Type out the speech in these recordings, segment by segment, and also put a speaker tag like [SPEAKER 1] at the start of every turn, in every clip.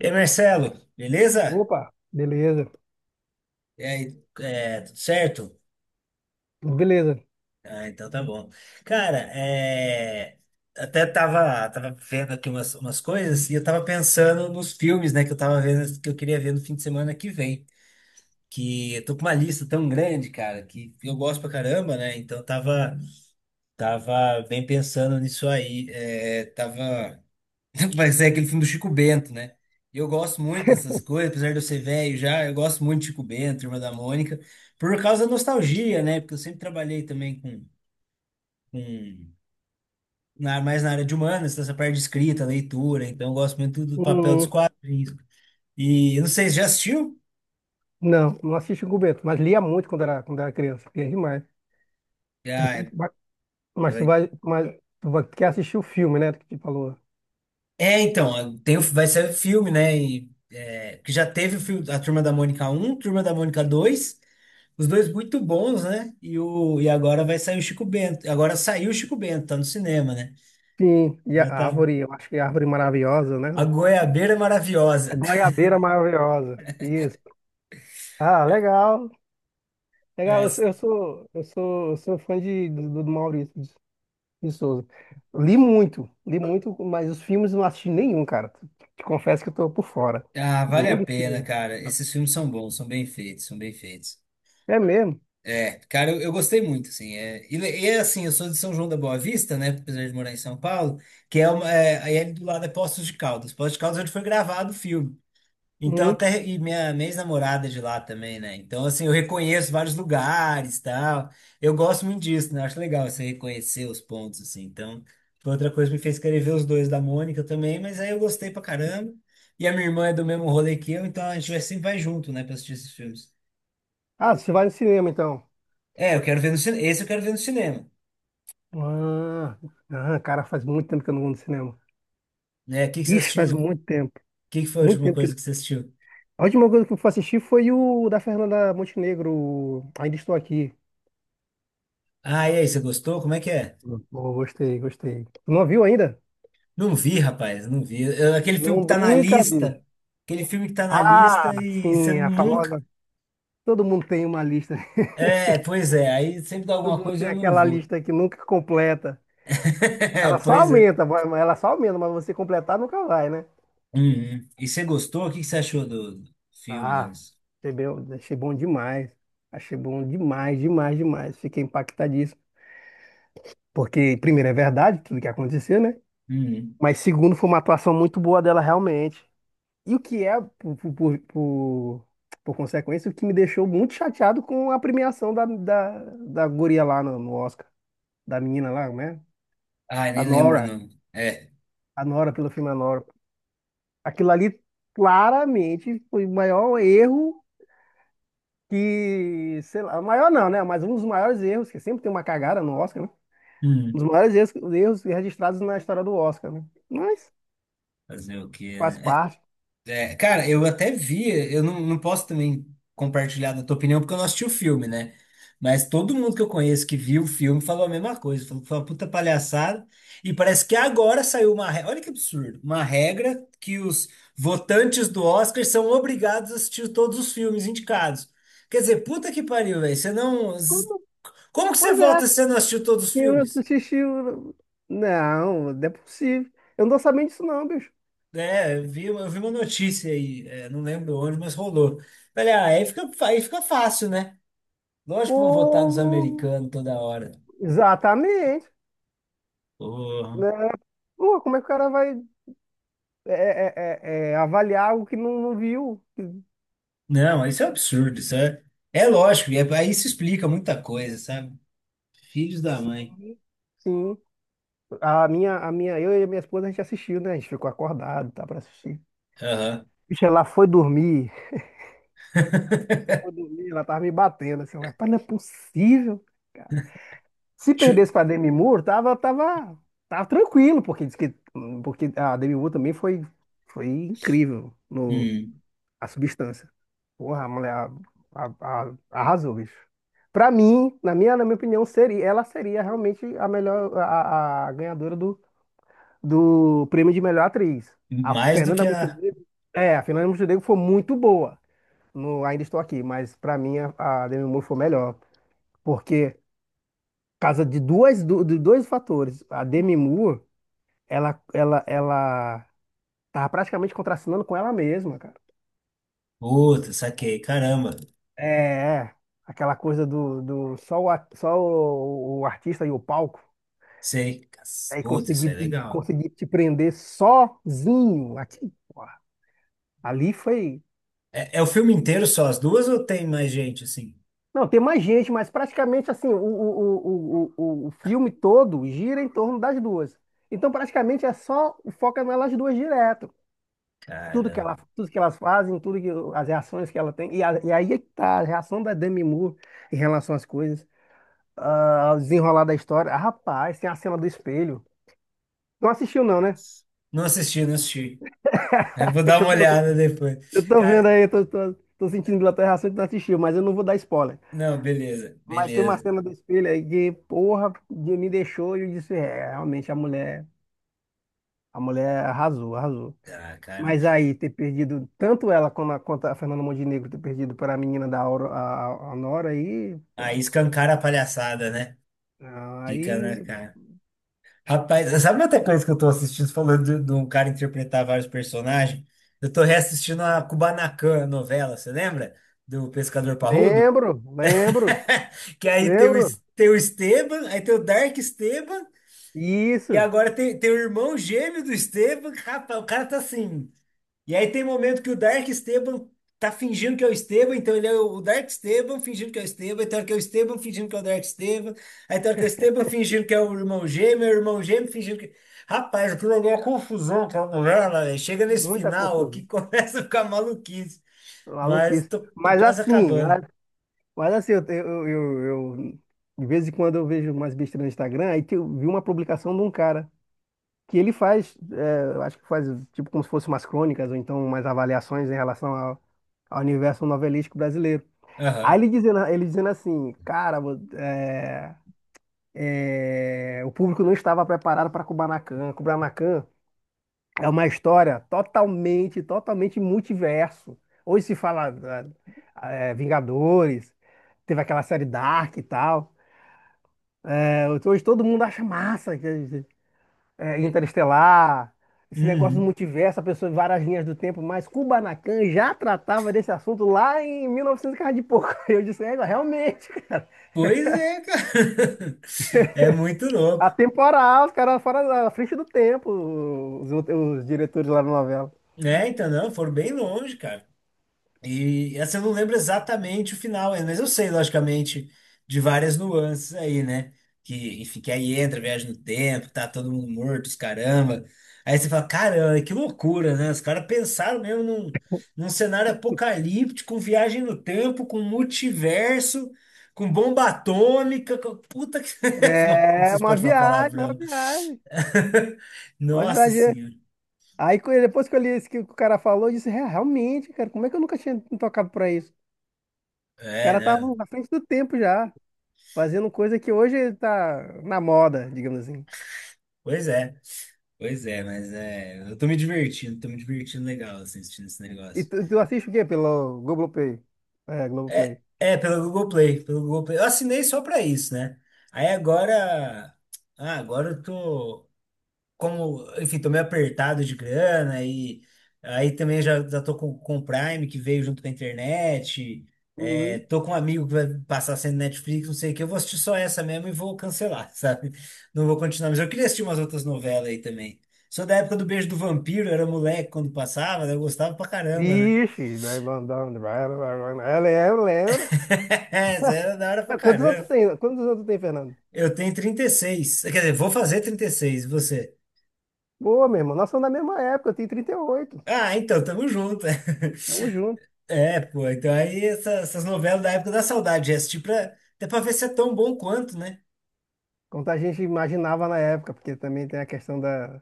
[SPEAKER 1] E aí, Marcelo, beleza?
[SPEAKER 2] Opa, beleza,
[SPEAKER 1] E aí, é, tudo certo?
[SPEAKER 2] beleza.
[SPEAKER 1] Ah, então tá bom. Cara, é, até tava vendo aqui umas coisas e eu tava pensando nos filmes, né, que eu tava vendo, que eu queria ver no fim de semana que vem. Que eu tô com uma lista tão grande, cara, que eu gosto pra caramba, né? Então eu tava bem pensando nisso aí. É, tava. Vai ser aquele filme do Chico Bento, né? E eu gosto muito dessas coisas, apesar de eu ser velho já, eu gosto muito de Chico Bento, Irmã da Mônica, por causa da nostalgia, né? Porque eu sempre trabalhei também com mais na área de humanas, dessa parte de escrita, leitura, então eu gosto muito do papel dos
[SPEAKER 2] Hum,
[SPEAKER 1] quadrinhos. E eu não sei, você já assistiu?
[SPEAKER 2] não, não assisti com o Bento, mas lia muito quando era criança, lia demais. Mas
[SPEAKER 1] Já, é,
[SPEAKER 2] mas tu
[SPEAKER 1] peraí.
[SPEAKER 2] vai, mas tu vai, quer assistir o filme, né, que te falou.
[SPEAKER 1] É, então, tem, vai ser filme, né? E, é, que já teve o filme, a Turma da Mônica 1, Turma da Mônica 2. Os dois muito bons, né? E, e agora vai sair o Chico Bento. Agora saiu o Chico Bento, tá no cinema, né?
[SPEAKER 2] Sim, e a
[SPEAKER 1] Aí tá.
[SPEAKER 2] árvore, eu acho que é a árvore maravilhosa, né?
[SPEAKER 1] A goiabeira é
[SPEAKER 2] A
[SPEAKER 1] maravilhosa.
[SPEAKER 2] goiabeira maravilhosa, isso. Ah, legal, legal,
[SPEAKER 1] É,
[SPEAKER 2] eu sou fã do Maurício de Souza. Li muito, mas os filmes não assisti nenhum, cara. Te confesso que eu tô por fora.
[SPEAKER 1] ah, vale a
[SPEAKER 2] Nenhum dos
[SPEAKER 1] pena,
[SPEAKER 2] filmes.
[SPEAKER 1] cara. Esses filmes são bons, são bem feitos, são bem feitos.
[SPEAKER 2] É mesmo?
[SPEAKER 1] É, cara, eu gostei muito, assim. É, e é assim, eu sou de São João da Boa Vista, né? Apesar de morar em São Paulo, que é uma. É, aí é ali do lado é Poços de Caldas. Poços de Caldas é onde foi gravado o filme. Então,
[SPEAKER 2] Hum.
[SPEAKER 1] até e minha ex-namorada é de lá também, né? Então, assim, eu reconheço vários lugares, tal. Eu gosto muito disso, né? Eu acho legal você reconhecer os pontos, assim. Então, foi outra coisa que me fez querer ver os dois da Mônica também, mas aí eu gostei pra caramba. E a minha irmã é do mesmo rolê que eu, então a gente vai, sempre vai junto, né, pra assistir esses filmes.
[SPEAKER 2] Ah, você vai no cinema então.
[SPEAKER 1] É, eu quero ver no cinema. Esse eu quero ver no cinema,
[SPEAKER 2] Ah, ah, cara, faz muito tempo que eu não vou no cinema.
[SPEAKER 1] né? O que que você
[SPEAKER 2] Ixi, faz
[SPEAKER 1] assistiu? O
[SPEAKER 2] muito tempo.
[SPEAKER 1] que que foi a
[SPEAKER 2] Muito
[SPEAKER 1] última
[SPEAKER 2] tempo
[SPEAKER 1] coisa que
[SPEAKER 2] que.
[SPEAKER 1] você assistiu?
[SPEAKER 2] A última coisa que eu fui assistir foi o da Fernanda Montenegro, o Ainda Estou Aqui.
[SPEAKER 1] Ah, e aí, você gostou? Como é que é?
[SPEAKER 2] Pô, gostei. Não viu ainda?
[SPEAKER 1] Não vi, rapaz, não vi. Aquele filme
[SPEAKER 2] Não
[SPEAKER 1] que tá na
[SPEAKER 2] brinca, bicho.
[SPEAKER 1] lista, aquele filme que tá na
[SPEAKER 2] Ah,
[SPEAKER 1] lista e você
[SPEAKER 2] sim, a
[SPEAKER 1] nunca.
[SPEAKER 2] famosa. Todo mundo tem uma lista.
[SPEAKER 1] É, pois é, aí sempre dá
[SPEAKER 2] Todo
[SPEAKER 1] alguma
[SPEAKER 2] mundo
[SPEAKER 1] coisa
[SPEAKER 2] tem
[SPEAKER 1] eu não
[SPEAKER 2] aquela
[SPEAKER 1] vou.
[SPEAKER 2] lista que nunca completa. Ela só
[SPEAKER 1] Pois é.
[SPEAKER 2] ela só aumenta, mas você completar nunca vai, né?
[SPEAKER 1] Uhum. E você gostou? O que que você achou do filme, né?
[SPEAKER 2] Ah, achei bom demais. Achei bom demais, demais, demais. Fiquei impactadíssimo. Porque, primeiro, é verdade tudo que aconteceu, né?
[SPEAKER 1] Uhum.
[SPEAKER 2] Mas, segundo, foi uma atuação muito boa dela, realmente. E o que é, por consequência, o que me deixou muito chateado com a premiação da guria lá no Oscar. Da menina lá, né?
[SPEAKER 1] Ah,
[SPEAKER 2] A
[SPEAKER 1] nem lembro o
[SPEAKER 2] Nora.
[SPEAKER 1] nome. É.
[SPEAKER 2] A Nora, pelo filme A Nora. Aquilo ali, claramente, foi o maior erro que, sei lá, maior não, né? Mas um dos maiores erros, que sempre tem uma cagada no Oscar, né? Um dos
[SPEAKER 1] Uhum.
[SPEAKER 2] maiores erros registrados na história do Oscar, né? Mas
[SPEAKER 1] Fazer o quê,
[SPEAKER 2] faz
[SPEAKER 1] né?
[SPEAKER 2] parte.
[SPEAKER 1] É, cara, eu até vi, eu não posso também compartilhar da tua opinião, porque eu não assisti o filme, né? Mas todo mundo que eu conheço que viu o filme falou a mesma coisa, falou que foi uma puta palhaçada. E parece que agora saiu uma regra, olha que absurdo, uma regra que os votantes do Oscar são obrigados a assistir todos os filmes indicados. Quer dizer, puta que pariu, velho, você não—
[SPEAKER 2] Como?
[SPEAKER 1] Como que você
[SPEAKER 2] Pois é,
[SPEAKER 1] vota se você não assistiu todos os
[SPEAKER 2] eu
[SPEAKER 1] filmes?
[SPEAKER 2] assisti. o- não, não é possível. Eu não tô sabendo disso, não, bicho.
[SPEAKER 1] É, eu vi uma notícia aí, é, não lembro onde, mas rolou. Olha, aí fica fácil, né? Lógico que vão votar nos
[SPEAKER 2] Pô,
[SPEAKER 1] americanos toda hora.
[SPEAKER 2] exatamente.
[SPEAKER 1] Porra.
[SPEAKER 2] Né? Pô, como é que o cara vai é, é, avaliar algo que não, não viu?
[SPEAKER 1] Não, isso é um absurdo, isso é. É lógico, aí isso explica muita coisa, sabe? Filhos da mãe.
[SPEAKER 2] Sim, sim. A minha, eu e a minha esposa, a gente assistiu, né? A gente ficou acordado, tá, pra assistir.
[SPEAKER 1] Aham.
[SPEAKER 2] Bicho, ela foi dormir. Foi dormir, ela tava me batendo. Assim, eu, rapaz, não é possível, cara. Se
[SPEAKER 1] Chu-
[SPEAKER 2] perdesse pra Demi Moore, tava tranquilo, porque diz que, porque a Demi Moore também foi incrível no
[SPEAKER 1] hum.
[SPEAKER 2] A Substância. Porra, a mulher arrasou, bicho. Pra mim, na minha opinião, seria, ela seria realmente a melhor, a ganhadora do, do prêmio de melhor atriz. A
[SPEAKER 1] Mais do
[SPEAKER 2] Fernanda
[SPEAKER 1] que a.
[SPEAKER 2] Montenegro, é, a Fernanda Montenegro foi muito boa no Ainda Estou Aqui, mas para mim a Demi Moore foi melhor, porque por causa de dois fatores. A Demi Moore, ela tava praticamente contracenando com ela mesma, cara.
[SPEAKER 1] Puta, saquei. Caramba.
[SPEAKER 2] É, é. Aquela coisa do só o artista e o palco,
[SPEAKER 1] Sei.
[SPEAKER 2] aí
[SPEAKER 1] Puta, isso é legal.
[SPEAKER 2] conseguir te prender sozinho aqui, porra. Ali foi
[SPEAKER 1] É, é o filme inteiro só as duas ou tem mais gente assim?
[SPEAKER 2] Não, tem mais gente, mas praticamente assim, o filme todo gira em torno das duas. Então, praticamente é só foca nelas duas direto. Tudo que
[SPEAKER 1] Caramba.
[SPEAKER 2] ela, tudo que elas fazem, tudo que as reações que ela tem. E, e aí é que tá a reação da Demi Moore em relação às coisas, ah, ao desenrolar da história. Ah, rapaz, tem a cena do espelho. Não assistiu, não, né?
[SPEAKER 1] Putz. Não assisti, não assisti. É, vou
[SPEAKER 2] É
[SPEAKER 1] dar
[SPEAKER 2] que
[SPEAKER 1] uma
[SPEAKER 2] eu tô,
[SPEAKER 1] olhada depois.
[SPEAKER 2] eu tô vendo
[SPEAKER 1] Cara,
[SPEAKER 2] aí, eu tô, tô, tô sentindo pela tua reação que tu não assistiu, mas eu não vou dar spoiler.
[SPEAKER 1] não, beleza,
[SPEAKER 2] Mas tem uma
[SPEAKER 1] beleza.
[SPEAKER 2] cena do espelho aí que, porra, me deixou e eu disse, é, realmente a mulher arrasou, arrasou.
[SPEAKER 1] Ah, cara.
[SPEAKER 2] Mas aí ter perdido tanto ela como quanto a Fernanda Montenegro ter perdido para a menina da a Nora aí, pô,
[SPEAKER 1] Aí escancara a palhaçada, né? Fica na
[SPEAKER 2] aí
[SPEAKER 1] cara. Rapaz, sabe outra coisa que eu tô assistindo, falando de um cara interpretar vários personagens? Eu tô reassistindo a Kubanacan, a novela, você lembra? Do Pescador Parrudo?
[SPEAKER 2] lembro, lembro,
[SPEAKER 1] Que aí tem o, Es-
[SPEAKER 2] lembro.
[SPEAKER 1] tem o Esteban, aí tem o Dark Esteban, e
[SPEAKER 2] Isso,
[SPEAKER 1] agora tem o irmão gêmeo do Esteban. Rapaz, o cara tá assim. E aí tem momento que o Dark Esteban tá fingindo que é o Esteban, então ele é o Dark Esteban fingindo que é o Esteban, aí tem hora que é o Esteban fingindo que é o Dark Esteban, aí tem hora que é o Esteban fingindo que é o irmão gêmeo fingindo que. Rapaz, aquilo ali é uma confusão com a mulher, lá, velho. Chega nesse
[SPEAKER 2] muita
[SPEAKER 1] final
[SPEAKER 2] confusão,
[SPEAKER 1] aqui, começa a ficar maluquice. Mas
[SPEAKER 2] maluquice.
[SPEAKER 1] tô
[SPEAKER 2] Mas
[SPEAKER 1] quase
[SPEAKER 2] assim,
[SPEAKER 1] acabando.
[SPEAKER 2] mas mas assim, eu- De vez em quando eu vejo umas besteiras no Instagram, aí que eu vi uma publicação de um cara que ele faz, é, eu acho que faz tipo como se fossem umas crônicas ou então umas avaliações em relação ao, ao universo novelístico brasileiro. Aí
[SPEAKER 1] Aham.
[SPEAKER 2] ele dizendo assim, cara, é, o público não estava preparado para Kubanacan. Kubanacan é uma história totalmente, totalmente multiverso. Hoje se fala é, é, Vingadores, teve aquela série Dark e tal. É, hoje todo mundo acha massa. É, Interestelar, esse negócio do
[SPEAKER 1] Uhum.
[SPEAKER 2] multiverso, a pessoa em várias linhas do tempo, mas Kubanacan já tratava desse assunto lá em 1900 e novecentos e cara de pouco. Eu disse, é, realmente,
[SPEAKER 1] Pois é, cara. É muito louco.
[SPEAKER 2] atemporal, os caras fora da frente do tempo, os diretores lá na novela.
[SPEAKER 1] Né? Então, não, foram bem longe, cara. E essa eu não lembro exatamente o final ainda, mas eu sei, logicamente, de várias nuances aí, né? Que, enfim, que aí entra, a viagem no tempo, tá todo mundo morto, os caramba. Aí você fala, caramba, que loucura, né? Os caras pensaram mesmo num cenário apocalíptico, com viagem no tempo, com multiverso, com bomba atômica, com puta que. Não, não
[SPEAKER 2] É
[SPEAKER 1] sei se
[SPEAKER 2] uma
[SPEAKER 1] pode falar
[SPEAKER 2] viagem, uma
[SPEAKER 1] palavrão.
[SPEAKER 2] viagem, uma
[SPEAKER 1] Nossa
[SPEAKER 2] viagem.
[SPEAKER 1] senhora.
[SPEAKER 2] Aí depois que eu li isso que o cara falou, eu disse: "É, realmente, cara, como é que eu nunca tinha me tocado pra isso? Os
[SPEAKER 1] É,
[SPEAKER 2] caras
[SPEAKER 1] né?
[SPEAKER 2] estavam à frente do tempo já, fazendo coisa que hoje tá na moda, digamos assim.
[SPEAKER 1] Pois é. Pois é, mas é, eu tô me divertindo legal assim, assistindo esse
[SPEAKER 2] E
[SPEAKER 1] negócio.
[SPEAKER 2] tu, tu assiste o quê pelo Globoplay? É,
[SPEAKER 1] É,
[SPEAKER 2] Globoplay.
[SPEAKER 1] é pelo Google Play, pelo Google Play. Eu assinei só pra isso, né? Aí agora, ah, agora eu tô como, enfim, tô meio apertado de grana e aí também já tô com o Prime que veio junto com a internet. É,
[SPEAKER 2] Uhum.
[SPEAKER 1] tô com um amigo que vai passar sendo Netflix, não sei o que. Eu vou assistir só essa mesmo e vou cancelar, sabe? Não vou continuar. Mas eu queria assistir umas outras novelas aí também. Sou da época do Beijo do Vampiro, eu era moleque quando passava, né? Eu gostava pra caramba, né?
[SPEAKER 2] Vixe, vai mandando. Vai. Eu lembro, lembro.
[SPEAKER 1] Essa era da hora pra
[SPEAKER 2] É, quantos anos tu
[SPEAKER 1] caramba.
[SPEAKER 2] tem? Quantos anos tu tem, Fernando?
[SPEAKER 1] Eu tenho 36. Quer dizer, vou fazer 36, e seis. E você?
[SPEAKER 2] Boa, meu irmão. Nós somos da mesma época, eu tenho 38.
[SPEAKER 1] Ah, então, tamo junto.
[SPEAKER 2] Tamo junto.
[SPEAKER 1] É, pô, então aí essas novelas da época da saudade, já assisti pra, até pra ver se é tão bom quanto, né?
[SPEAKER 2] Quanto a gente imaginava na época, porque também tem a questão da.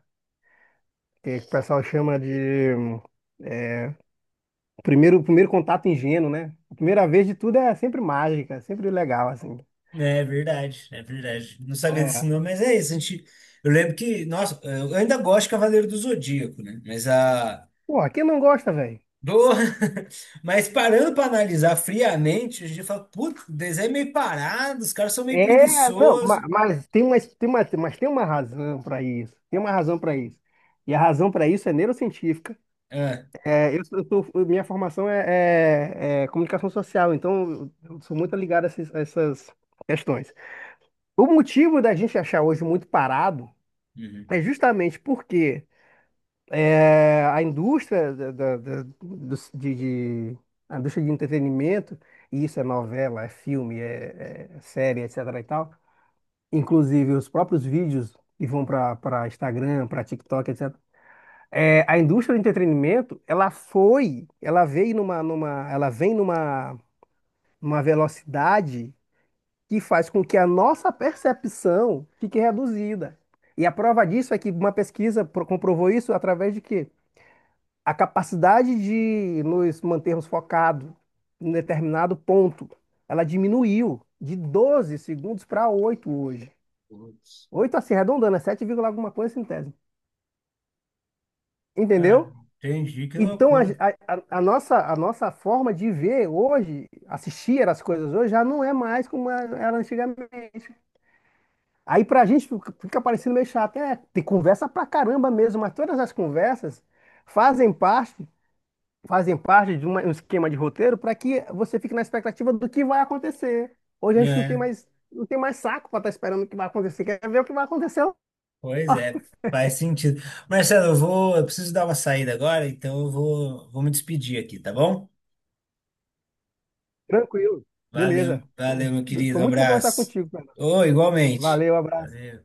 [SPEAKER 2] Que o pessoal chama de. Hum, é, primeiro contato ingênuo, né? A primeira vez de tudo é sempre mágica, é sempre legal, assim.
[SPEAKER 1] É verdade, é verdade. Não sabia desse
[SPEAKER 2] É.
[SPEAKER 1] nome, mas é isso. A gente, eu lembro que, nossa, eu ainda gosto de Cavaleiro do Zodíaco, né? Mas a.
[SPEAKER 2] Pô, quem não gosta, velho?
[SPEAKER 1] Do... Mas parando pra analisar friamente, a gente fala, putz, o desenho é meio parado, os caras são meio
[SPEAKER 2] É, não,
[SPEAKER 1] preguiçosos.
[SPEAKER 2] mas tem uma, mas tem uma razão para isso. Tem uma razão para isso. E a razão para isso é neurocientífica.
[SPEAKER 1] Ah,
[SPEAKER 2] É, minha formação é comunicação social, então eu sou muito ligado a a essas questões. O motivo da gente achar hoje muito parado
[SPEAKER 1] uhum.
[SPEAKER 2] é justamente porque é, a indústria de- a indústria de entretenimento, e isso é novela, é filme, é, é série, etc. e tal, inclusive os próprios vídeos que vão para Instagram, para TikTok, etc. É, a indústria do entretenimento, ela veio numa, numa, ela vem numa, numa velocidade que faz com que a nossa percepção fique reduzida. E a prova disso é que uma pesquisa comprovou isso através de quê? A capacidade de nos mantermos focados em determinado ponto, ela diminuiu de 12 segundos para 8 hoje.
[SPEAKER 1] Putz.
[SPEAKER 2] 8 assim, arredondando, é 7 vírgula alguma coisa centésimo.
[SPEAKER 1] Cara,
[SPEAKER 2] Entendeu?
[SPEAKER 1] entendi, que
[SPEAKER 2] Então,
[SPEAKER 1] loucura.
[SPEAKER 2] a nossa forma de ver hoje, assistir as coisas hoje, já não é mais como é, era antigamente. Aí, pra gente, fica parecendo meio chato. É, tem conversa pra caramba mesmo, mas todas as conversas fazem parte, fazem parte de um esquema de roteiro para que você fique na expectativa do que vai acontecer. Hoje a gente não tem
[SPEAKER 1] É.
[SPEAKER 2] mais, não tem mais saco pra estar esperando o que vai acontecer. Quer ver o que vai acontecer lá.
[SPEAKER 1] Pois é, faz sentido. Marcelo, eu preciso dar uma saída agora, então eu vou me despedir aqui, tá bom?
[SPEAKER 2] Tranquilo.
[SPEAKER 1] Valeu,
[SPEAKER 2] Beleza.
[SPEAKER 1] valeu, meu querido,
[SPEAKER 2] Foi
[SPEAKER 1] um
[SPEAKER 2] muito bom conversar
[SPEAKER 1] abraço.
[SPEAKER 2] contigo, Fernando.
[SPEAKER 1] Ô, igualmente.
[SPEAKER 2] Valeu, abraço.
[SPEAKER 1] Valeu.